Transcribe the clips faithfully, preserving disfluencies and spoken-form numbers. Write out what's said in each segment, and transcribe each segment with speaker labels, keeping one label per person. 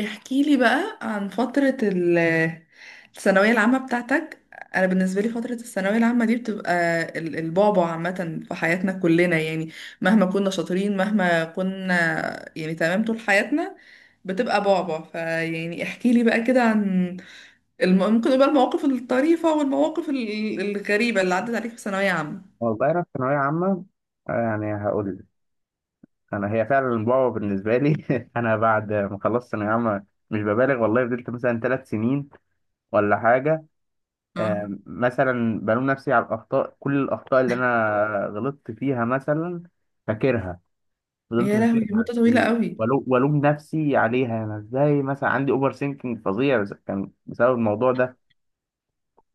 Speaker 1: احكي لي بقى عن فترة ال- الثانوية العامة بتاعتك. أنا بالنسبة لي فترة الثانوية العامة دي بتبقى ال- البعبع عامة في حياتنا كلنا، يعني مهما كنا شاطرين، مهما كنا يعني تمام طول حياتنا بتبقى بعبع. فيعني احكي لي بقى كده عن الم... ممكن يبقى المواقف الطريفة والمواقف ال- الغريبة اللي عدت عليك في ثانوية عامة.
Speaker 2: والله أنا في ثانوية عامة، آه، يعني هقول لك. أنا هي فعلا بابا بالنسبة لي. أنا بعد ما خلصت ثانوية عامة مش ببالغ والله فضلت مثلا ثلاث سنين ولا حاجة.
Speaker 1: اه.
Speaker 2: آم، مثلا بلوم نفسي على الأخطاء، كل الأخطاء اللي أنا غلطت فيها مثلا فاكرها، فضلت
Speaker 1: يا لهوي، دي
Speaker 2: فاكرها
Speaker 1: مدة طويلة
Speaker 2: و-
Speaker 1: قوي.
Speaker 2: ولو- وألوم نفسي عليها. أنا إزاي مثلا عندي أوفر سينكينج فظيع، بس- كان بسبب الموضوع ده.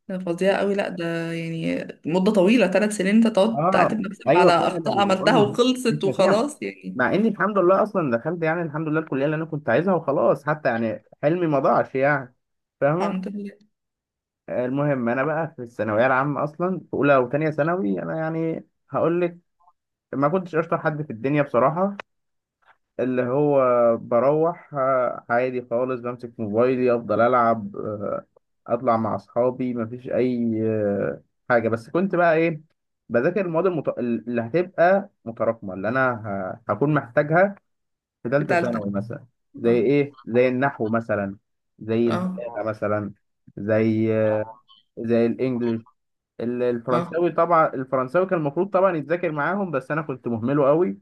Speaker 1: ده فظيع قوي، لا ده يعني مدة طويلة، ثلاث سنين انت تقعد
Speaker 2: اه،
Speaker 1: تعاتب نفسك
Speaker 2: ايوه
Speaker 1: على
Speaker 2: فعلا
Speaker 1: أخطاء عملتها
Speaker 2: والله، مش
Speaker 1: وخلصت
Speaker 2: ناسيها.
Speaker 1: وخلاص يعني.
Speaker 2: مع اني الحمد لله اصلا دخلت يعني الحمد لله الكليه اللي انا كنت عايزها، وخلاص حتى يعني حلمي ما ضاعش يعني. فاهمه؟
Speaker 1: الحمد لله.
Speaker 2: آه، المهم انا بقى في الثانويه العامه اصلا في اولى وثانيه ثانوي انا يعني هقول لك ما كنتش اشطر حد في الدنيا بصراحه. اللي هو بروح آه، عادي خالص بمسك موبايلي افضل العب، آه، اطلع مع اصحابي، مفيش اي آه، حاجه. بس كنت بقى ايه، بذاكر المواد المت... اللي هتبقى متراكمه اللي انا ه... هكون محتاجها في
Speaker 1: في
Speaker 2: ثالثه
Speaker 1: تالتة.
Speaker 2: ثانوي مثلا. زي
Speaker 1: اه.
Speaker 2: ايه؟ زي النحو مثلا، زي البلاغه
Speaker 1: اه.
Speaker 2: مثلا، زي آه، زي الانجليش، ال-
Speaker 1: اه.
Speaker 2: الفرنساوي. طبعا الفرنساوي كان المفروض طبعا يتذاكر معاهم بس انا كنت مهمله قوي.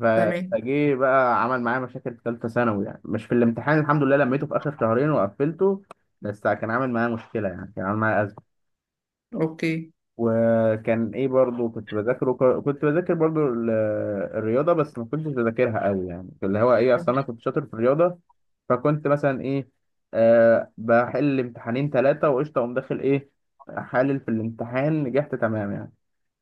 Speaker 2: ف-
Speaker 1: تمام.
Speaker 2: فجه بقى عمل معايا مشاكل في ثالثه ثانوي، يعني مش في الامتحان الحمد لله لميته في اخر شهرين وقفلته، بس كان عامل معايا مشكله يعني كان عامل معايا ازمه.
Speaker 1: اوكي.
Speaker 2: وكان ايه برضو، كنت بذاكر وك- كنت بذاكر برضو ال- الرياضه، بس ما كنتش بذاكرها قوي يعني، اللي هو ايه، اصلا انا كنت شاطر في الرياضه. فكنت مثلا ايه، آه بحل امتحانين ثلاثه وقشطه اقوم داخل ايه، حالل في الامتحان، نجحت تمام يعني.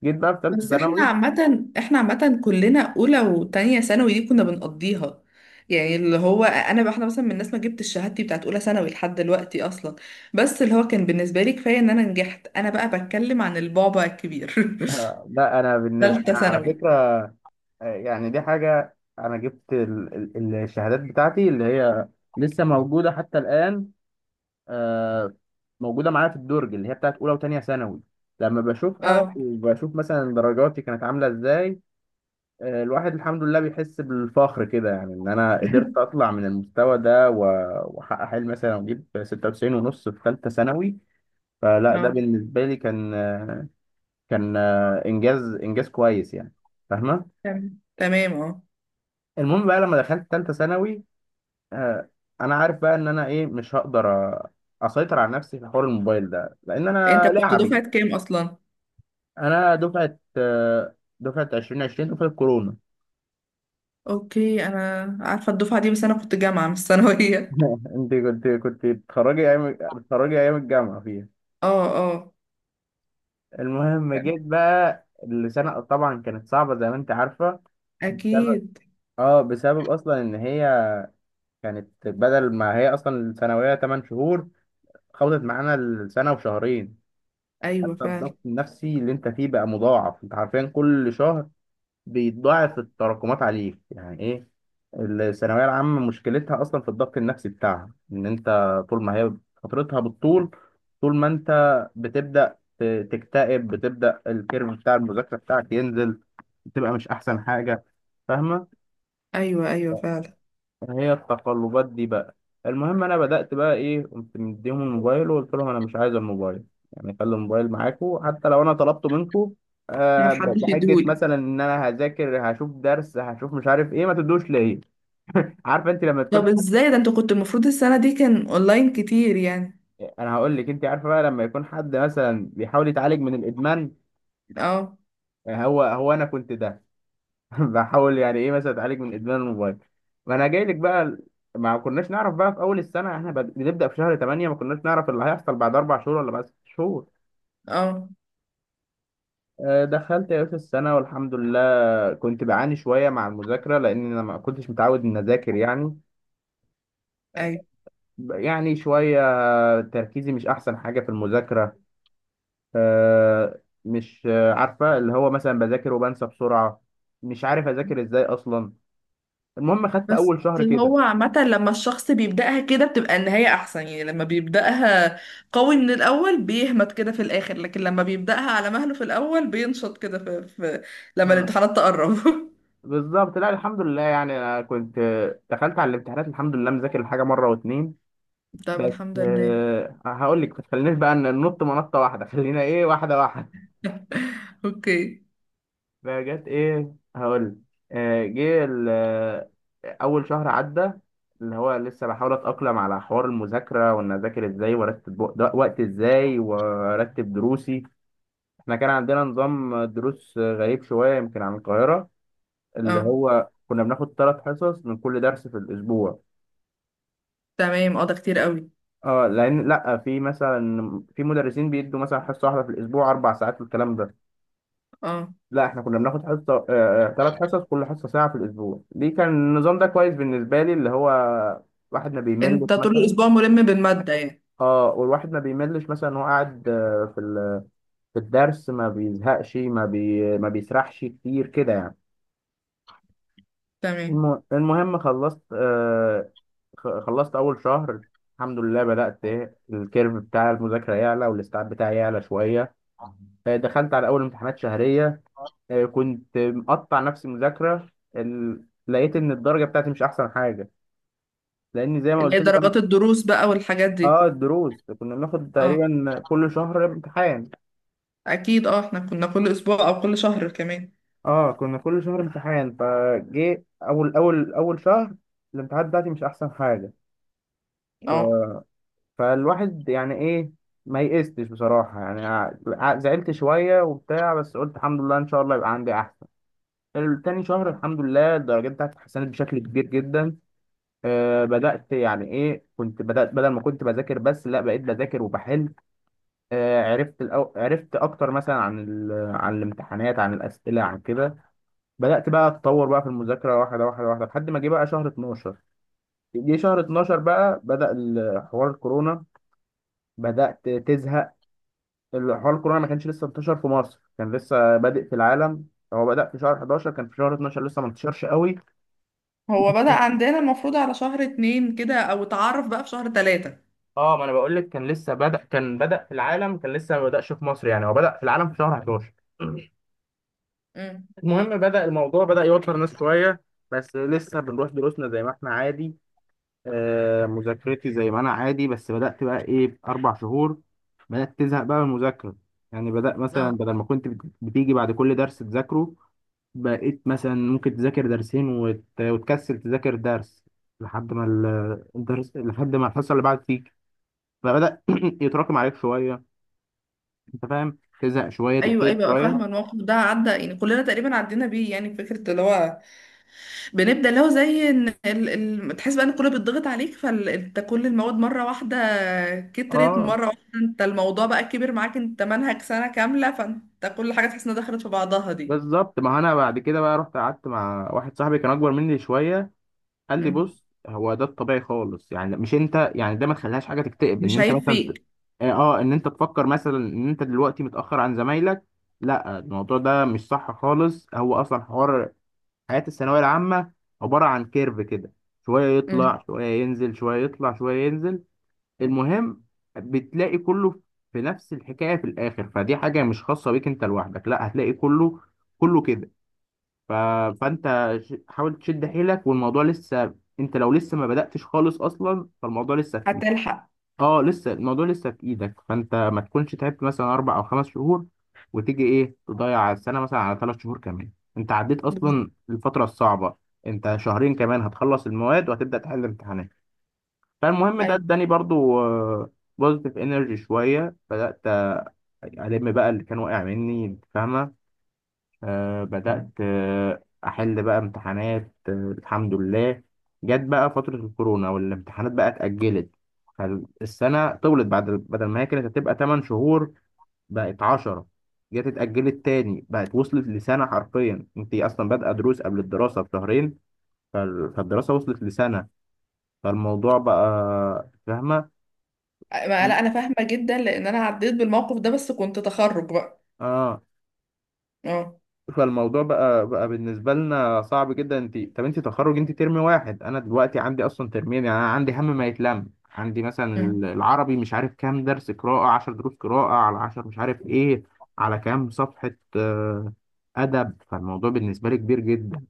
Speaker 2: جيت بقى في ثالثه
Speaker 1: بس احنا
Speaker 2: ثانوي.
Speaker 1: عامة، احنا عامة كلنا أولى وتانية ثانوي دي كنا بنقضيها، يعني اللي هو انا بقى- احنا مثلا من الناس ما جبتش شهادتي بتاعت اولى ثانوي لحد دلوقتي اصلا. بس اللي هو كان بالنسبه لي كفايه ان انا نجحت. انا بقى بتكلم عن البعبع الكبير،
Speaker 2: آه، لا انا بالنسبه
Speaker 1: ثالثه
Speaker 2: انا على
Speaker 1: ثانوي.
Speaker 2: فكره يعني دي حاجة، أنا جبت ال- ال- الشهادات بتاعتي اللي هي لسه موجودة حتى الآن. آه، موجودة معايا في الدرج، اللي هي بتاعت أولى وتانية ثانوي. لما بشوفها
Speaker 1: اه.
Speaker 2: وبشوف مثلا درجاتي كانت عاملة إزاي، آه، الواحد الحمد لله بيحس بالفخر كده، يعني إن أنا قدرت أطلع من المستوى ده و- وأحقق حلمي مثلا وأجيب ستة وتسعين ونص في ثالثة ثانوي. فلا ده
Speaker 1: اه،
Speaker 2: بالنسبة لي كان كان آه، إنجاز، إنجاز كويس يعني. فاهمة؟
Speaker 1: تمام تمام اه.
Speaker 2: المهم بقى لما دخلت ثالثة ثانوي، آه، انا عارف بقى ان انا ايه، مش هقدر أ- اسيطر على نفسي في حوار الموبايل ده لان انا
Speaker 1: انت كنت
Speaker 2: لاعبي.
Speaker 1: دفعة كام اصلا؟
Speaker 2: انا دفعه آه، دفعه ألفين وعشرين، دفعه كورونا.
Speaker 1: اوكي، انا عارفة الدفعة دي، بس انا كنت جامعة مش ثانوية.
Speaker 2: انت كنت كنت بتتخرجي ايام بتتخرجي ايام الجامعه فيها.
Speaker 1: اه اه.
Speaker 2: المهم
Speaker 1: تمام.
Speaker 2: جيت بقى السنه طبعا كانت صعبه زي ما انت عارفه، بسبب
Speaker 1: اكيد.
Speaker 2: اه بسبب اصلا ان هي كانت بدل ما هي اصلا الثانويه تمانية شهور، خبطت معانا السنه وشهرين.
Speaker 1: ايوه
Speaker 2: حتى
Speaker 1: فعلا.
Speaker 2: الضغط النفسي اللي انت فيه بقى مضاعف، انت عارفين كل شهر بيتضاعف التراكمات عليك يعني ايه. الثانويه العامه مشكلتها اصلا في الضغط النفسي بتاعها، ان انت طول ما هي فترتها بالطول طول ما انت بتبدا ت- تكتئب بتبدا الكيرف بتاع المذاكره بتاعك ينزل، بتبقى مش احسن حاجه. فاهمه؟
Speaker 1: ايوه ايوه فعلا.
Speaker 2: هي التقلبات دي بقى. المهم انا بدأت بقى ايه، قمت مديهم الموبايل وقلت لهم انا مش عايز الموبايل، يعني خلي الموبايل معاكم حتى لو انا طلبته منكم
Speaker 1: ما
Speaker 2: آه ب-
Speaker 1: حدش
Speaker 2: بحجة
Speaker 1: يديهولي.
Speaker 2: مثلا ان انا هذاكر هشوف درس هشوف مش عارف ايه، ما تدوش ليا. عارفه انت لما تكون
Speaker 1: طب
Speaker 2: حد،
Speaker 1: ازاي ده، انت كنت المفروض السنة دي كان اونلاين كتير يعني.
Speaker 2: انا هقول لك، انت عارفه بقى لما يكون حد مثلا بيحاول يتعالج من الادمان،
Speaker 1: اه.
Speaker 2: هو هو انا كنت ده بحاول يعني ايه، مثلا اتعالج من ادمان الموبايل. ما انا جاي لك بقى ال- ما كناش نعرف بقى في اول السنه، احنا بد- بنبدا في شهر تمانية، ما كناش نعرف اللي هيحصل بعد اربع شهور ولا بعد ست شهور.
Speaker 1: اه.
Speaker 2: آه، دخلت يا باشا السنه والحمد لله كنت بعاني شويه مع المذاكره لان انا ما كنتش متعود ان اذاكر يعني،
Speaker 1: ايوه.
Speaker 2: يعني شويه تركيزي مش احسن حاجه في المذاكره. آه، مش آه، عارفه اللي هو مثلا بذاكر وبنسى بسرعه، مش عارف اذاكر ازاي اصلا. المهم خدت
Speaker 1: بس
Speaker 2: اول شهر كده.
Speaker 1: هو عامة لما الشخص بيبدأها كده بتبقى النهاية أحسن، يعني لما بيبدأها قوي من الأول بيهمت كده في الآخر، لكن لما بيبدأها على مهله في الأول بينشط كده في, في لما
Speaker 2: آه.
Speaker 1: الامتحانات تقرب.
Speaker 2: بالظبط لا الحمد لله يعني أنا كنت دخلت على الامتحانات الحمد لله مذاكر الحاجه مره واتنين
Speaker 1: طب
Speaker 2: بس.
Speaker 1: الحمد لله.
Speaker 2: آه، هقول لك ما تخلينيش بقى ن- ننط منطه واحده، خلينا ايه واحده واحده.
Speaker 1: أوكي.
Speaker 2: فجت ايه، هقول لك. آه، جه ال- آه، اول شهر عدى، اللي هو لسه بحاول اتاقلم على حوار المذاكره وان اذاكر ازاي وارتب وق- ده- وقت ازاي وارتب دروسي. احنا كان عندنا نظام دروس غريب شويه يمكن عن القاهره، اللي
Speaker 1: اه
Speaker 2: هو كنا بناخد ثلاث حصص من كل درس في الاسبوع.
Speaker 1: تمام اه، ده كتير قوي.
Speaker 2: اه، لان لا في مثلا في مدرسين بيدوا مثلا حصه واحده في الاسبوع اربع ساعات والكلام ده.
Speaker 1: اه،
Speaker 2: لا احنا كنا بناخد حصه، ثلاث حصص كل حصه ساعه في الاسبوع. دي كان النظام ده كويس بالنسبه لي، اللي هو واحد ما بيملش
Speaker 1: انت طول
Speaker 2: مثلا.
Speaker 1: الأسبوع ملم بالمادة يعني.
Speaker 2: اه والواحد ما بيملش مثلا، هو قاعد آه، في ال- في الدرس ما بيزهقش، ما بي ما بيسرحش كتير كده يعني.
Speaker 1: تمام.
Speaker 2: الم- المهم خلصت، آه، خ- خلصت اول شهر الحمد لله، بدأت إيه، الكيرف بتاع المذاكرة يعلى والاستيعاب بتاعي يعلى شوية. آه، دخلت على اول امتحانات شهريه، آه، كنت مقطع نفسي مذاكره. ال- لقيت ان الدرجه بتاعتي مش احسن حاجه، لان زي ما
Speaker 1: اللي
Speaker 2: قلت
Speaker 1: هي
Speaker 2: لك
Speaker 1: درجات
Speaker 2: انا.
Speaker 1: الدروس بقى والحاجات دي.
Speaker 2: اه، الدروس كنا بناخد
Speaker 1: اه.
Speaker 2: تقريبا كل شهر امتحان.
Speaker 1: أكيد اه، احنا كنا كل أسبوع أو كل شهر كمان.
Speaker 2: اه، كنا كل شهر امتحان، فجه اول اول اول شهر الامتحانات بتاعتي مش احسن حاجه. ف...
Speaker 1: اه.
Speaker 2: فالواحد يعني ايه، ما يئستش بصراحه يعني، ع- زعلت شويه وبتاع بس قلت الحمد لله ان شاء الله يبقى عندي احسن. تاني شهر الحمد لله الدرجات بتاعتي اتحسنت بشكل كبير جدا. آه، بدأت يعني ايه، كنت بدأت بدل ما كنت بذاكر بس لا بقيت بذاكر وبحل. آه، عرفت الأو... عرفت اكتر مثلا عن ال... عن الامتحانات عن الأسئلة عن كده. بدأت بقى اتطور بقى في المذاكرة واحدة واحدة واحدة لحد ما جه بقى شهر اتناشر. جه شهر اتناشر بقى، بدأ ال- حوار الكورونا، بدأت تزهق. ال- حوار الكورونا ما كانش لسه انتشر في مصر، كان لسه بادئ في العالم. هو بدأ في شهر حداشر، كان في شهر اتناشر لسه ما انتشرش قوي.
Speaker 1: هو بدأ عندنا المفروض على شهر اتنين كده او اتعرف بقى في شهر تلاتة.
Speaker 2: اه ما انا بقول لك كان لسه بدأ كان بدأ في العالم، كان لسه ما بدأش في مصر يعني، هو بدأ في العالم في شهر حداشر.
Speaker 1: امم.
Speaker 2: المهم بدأ الموضوع بدأ يوتر ناس شوية، بس لسه بنروح دروسنا زي ما احنا عادي. آه مذاكرتي زي ما انا عادي، بس بدأت بقى ايه، اربع شهور، بدأت تزهق بقى من المذاكرة. يعني بدأ مثلا
Speaker 1: اه.
Speaker 2: بدل ما كنت بت- بتيجي بعد كل درس تذاكره، بقيت مثلا ممكن تذاكر درسين وت... وتكسل تذاكر درس لحد ما ال- الدرس، لحد ما الحصة اللي بعد تيجي، فبدأ يتراكم عليك شوية. انت فاهم، تزهق شويه،
Speaker 1: ايوه
Speaker 2: تكتئب
Speaker 1: ايوه، بقى
Speaker 2: شويه.
Speaker 1: فاهمه الموقف ده، عدى يعني كلنا تقريبا عدينا بيه، يعني فكره اللي هو بنبدا اللي هو زي ان ال... ال... تحس بقى ان كله بيتضغط عليك، فانت كل المواد مره واحده كترت
Speaker 2: اه
Speaker 1: مره واحده، انت الموضوع بقى كبر معاك، انت منهج سنه كامله فانت كل حاجه تحس انها دخلت في بعضها دي.
Speaker 2: بالظبط، ما انا بعد كده بقى رحت قعدت مع واحد صاحبي كان اكبر مني شويه، قال لي
Speaker 1: امم.
Speaker 2: بص، هو ده الطبيعي خالص، يعني مش انت يعني ده، ما تخليهاش حاجه تكتئب ان
Speaker 1: مش
Speaker 2: انت
Speaker 1: عيب
Speaker 2: مثلا ت-
Speaker 1: فيك.
Speaker 2: اه آه، ان انت تفكر مثلا ان انت دلوقتي متاخر عن زمايلك، لا الموضوع ده مش صح خالص. هو اصلا حوار حياه الثانويه العامه عباره عن كيرف كده، شويه
Speaker 1: امم.
Speaker 2: يطلع شويه ينزل شويه يطلع شويه ينزل. المهم بتلاقي كله في نفس الحكاية في الآخر، فدي حاجة مش خاصة بيك أنت لوحدك، لا هتلاقي كله كله كده. ف... فأنت ش- حاول تشد حيلك والموضوع لسه، أنت لو لسه ما بدأتش خالص أصلا فالموضوع لسه في إيدك.
Speaker 1: هتلحق.
Speaker 2: أه لسه الموضوع لسه في إيدك، فأنت ما تكونش تعبت مثلا أربع أو خمس شهور وتيجي إيه تضيع السنة مثلا على ثلاث شهور كمان. أنت عديت
Speaker 1: بز-
Speaker 2: أصلا الفترة الصعبة، أنت شهرين كمان هتخلص المواد وهتبدأ تحل امتحانات. فالمهم ده
Speaker 1: ايوه.
Speaker 2: اداني برضو بوزيتيف انرجي شويه، بدات الم بقى اللي كان واقع مني انت فاهمه. آه بدات آه احل بقى امتحانات آه الحمد لله. جت بقى فتره الكورونا والامتحانات بقى اتاجلت، فالسنه طولت بعد بدل ما هي كانت هتبقى تمن شهور بقت عشرة، جت اتاجلت تاني بقت وصلت لسنه، حرفيا انت اصلا بادئه دروس قبل الدراسه بشهرين. فال- فالدراسه وصلت لسنه. فالموضوع بقى فاهمه.
Speaker 1: ما- لا انا فاهمه جدا لان انا عديت بالموقف ده، بس كنت تخرج بقى.
Speaker 2: اه،
Speaker 1: اه.
Speaker 2: فالموضوع بقى بقى بالنسبه لنا صعب جدا. انت طب انت تخرج، انت ترم واحد، انا دلوقتي عندي اصلا ترمين يعني، انا عندي هم ما يتلم عندي مثلا.
Speaker 1: أمم.
Speaker 2: العربي مش عارف كام درس قراءه، عشر دروس قراءه على عشرة مش عارف ايه، على كام صفحه، آه، ادب. فالموضوع بالنسبه لي كبير جدا،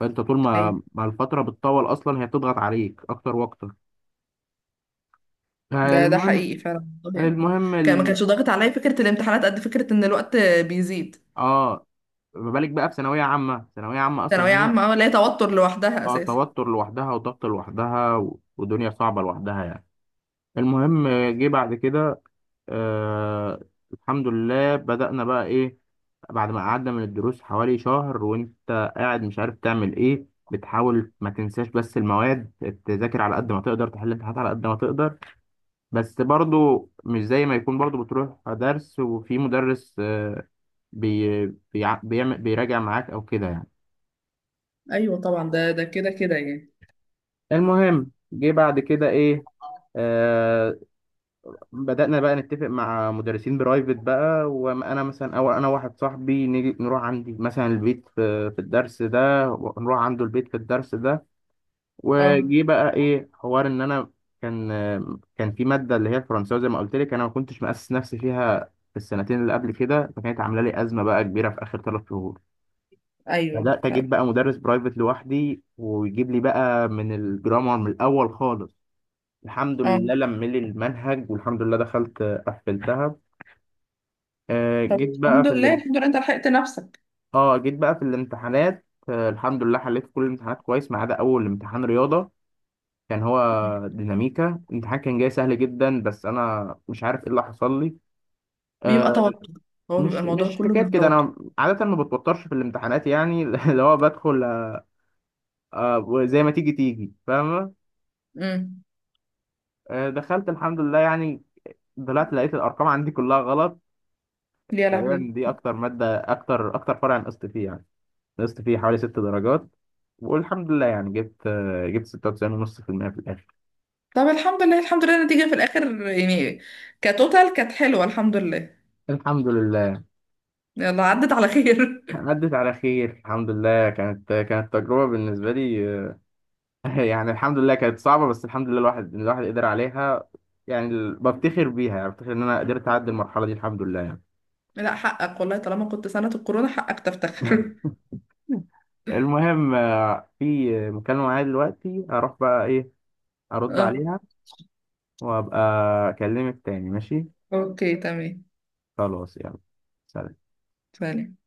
Speaker 2: فانت طول
Speaker 1: ايوه.
Speaker 2: ما ما الفتره بتطول اصلا هي بتضغط عليك اكتر واكتر.
Speaker 1: ده ده
Speaker 2: المهم
Speaker 1: حقيقي فعلا والله يعني.
Speaker 2: المهم
Speaker 1: كان ما
Speaker 2: ال...
Speaker 1: كانش ضاغط عليا فكره الامتحانات قد فكره ان الوقت بيزيد.
Speaker 2: اه ما بالك بقى في ثانويه عامه، ثانويه عامه اصلا
Speaker 1: ثانويه
Speaker 2: هي،
Speaker 1: عامه اه، لا توتر لوحدها
Speaker 2: اه
Speaker 1: اساسا.
Speaker 2: توتر لوحدها وضغط لوحدها و- ودنيا صعبة لوحدها يعني. المهم آه، جه بعد كده، آه الحمد لله بدأنا بقى ايه، بعد ما قعدنا من الدروس حوالي شهر وانت قاعد مش عارف تعمل ايه، بتحاول ما تنساش بس المواد، تذاكر على قد ما تقدر، تحل الامتحانات على قد ما تقدر، بس برضو مش زي ما يكون برضو بتروح درس وفي مدرس آه، بي بيع- بيعمل بيراجع معاك او كده يعني.
Speaker 1: ايوه طبعا، ده ده كده كده يعني.
Speaker 2: المهم جه بعد كده ايه، آه، بدأنا بقى نتفق مع مدرسين برايفت بقى، وأنا مثلا أو أنا واحد صاحبي نيجي نروح عندي مثلا البيت في, في الدرس ده، ونروح عنده البيت في الدرس ده.
Speaker 1: اه.
Speaker 2: وجي بقى إيه، حوار إن أنا كان كان في مادة اللي هي الفرنساوي زي ما قلت لك، أنا ما كنتش مأسس نفسي فيها في السنتين اللي قبل كده، فكانت عاملة لي أزمة بقى كبيرة في آخر ثلاث شهور.
Speaker 1: ايوه.
Speaker 2: بدأت أجيب
Speaker 1: طب.
Speaker 2: بقى مدرس برايفت لوحدي ويجيب لي بقى من الجرامر من الأول خالص، الحمد
Speaker 1: اه.
Speaker 2: لله لم لي المنهج والحمد لله دخلت قفلتها. آه،
Speaker 1: طب
Speaker 2: جيت بقى
Speaker 1: الحمد
Speaker 2: في
Speaker 1: لله،
Speaker 2: الام...
Speaker 1: الحمد لله انت لحقت نفسك.
Speaker 2: اه جيت بقى في الامتحانات، آه، الحمد لله حليت كل الامتحانات كويس ما عدا اول امتحان رياضه. كان هو
Speaker 1: مم.
Speaker 2: ديناميكا، الامتحان كان جاي سهل جدا بس انا مش عارف ايه اللي حصل لي.
Speaker 1: بيبقى
Speaker 2: آه،
Speaker 1: توتر، هو بيبقى
Speaker 2: مش
Speaker 1: الموضوع
Speaker 2: مش
Speaker 1: كله
Speaker 2: حكايه
Speaker 1: من
Speaker 2: كده،
Speaker 1: التوتر.
Speaker 2: انا عاده ما بتوترش في الامتحانات يعني اللي هو بدخل آه، زي ما تيجي تيجي فاهمه.
Speaker 1: امم.
Speaker 2: آه، دخلت الحمد لله يعني، طلعت لقيت الارقام عندي كلها غلط.
Speaker 1: يا لهوي.
Speaker 2: تقريبا دي اكتر ماده اكتر اكتر فرع نقصت فيه يعني، نقصت فيه حوالي ست درجات. والحمد لله يعني، جبت آه، جبت ستة وتسعين ونص في المية في المية في الآخر
Speaker 1: طب الحمد لله، الحمد لله النتيجه في الاخر يعني كتوتال كانت حلوه، الحمد لله.
Speaker 2: الحمد لله.
Speaker 1: يلا عدت على خير.
Speaker 2: عدت على خير الحمد لله، كانت كانت تجربة بالنسبة لي آه، يعني الحمد لله كانت صعبة بس الحمد لله الواحد الواحد قدر عليها يعني. ال- بفتخر بيها يعني بفتخر إن أنا قدرت أعدي المرحلة دي الحمد لله يعني.
Speaker 1: لا حقك والله، طالما كنت سنة الكورونا حقك تفتخر.
Speaker 2: المهم آه، في مكالمة معايا دلوقتي، هروح بقى إيه أرد
Speaker 1: اه.
Speaker 2: عليها، وأبقى أكلمك تاني ماشي.
Speaker 1: اوكي تمام.
Speaker 2: خلاص يلا، سلام.
Speaker 1: سلام.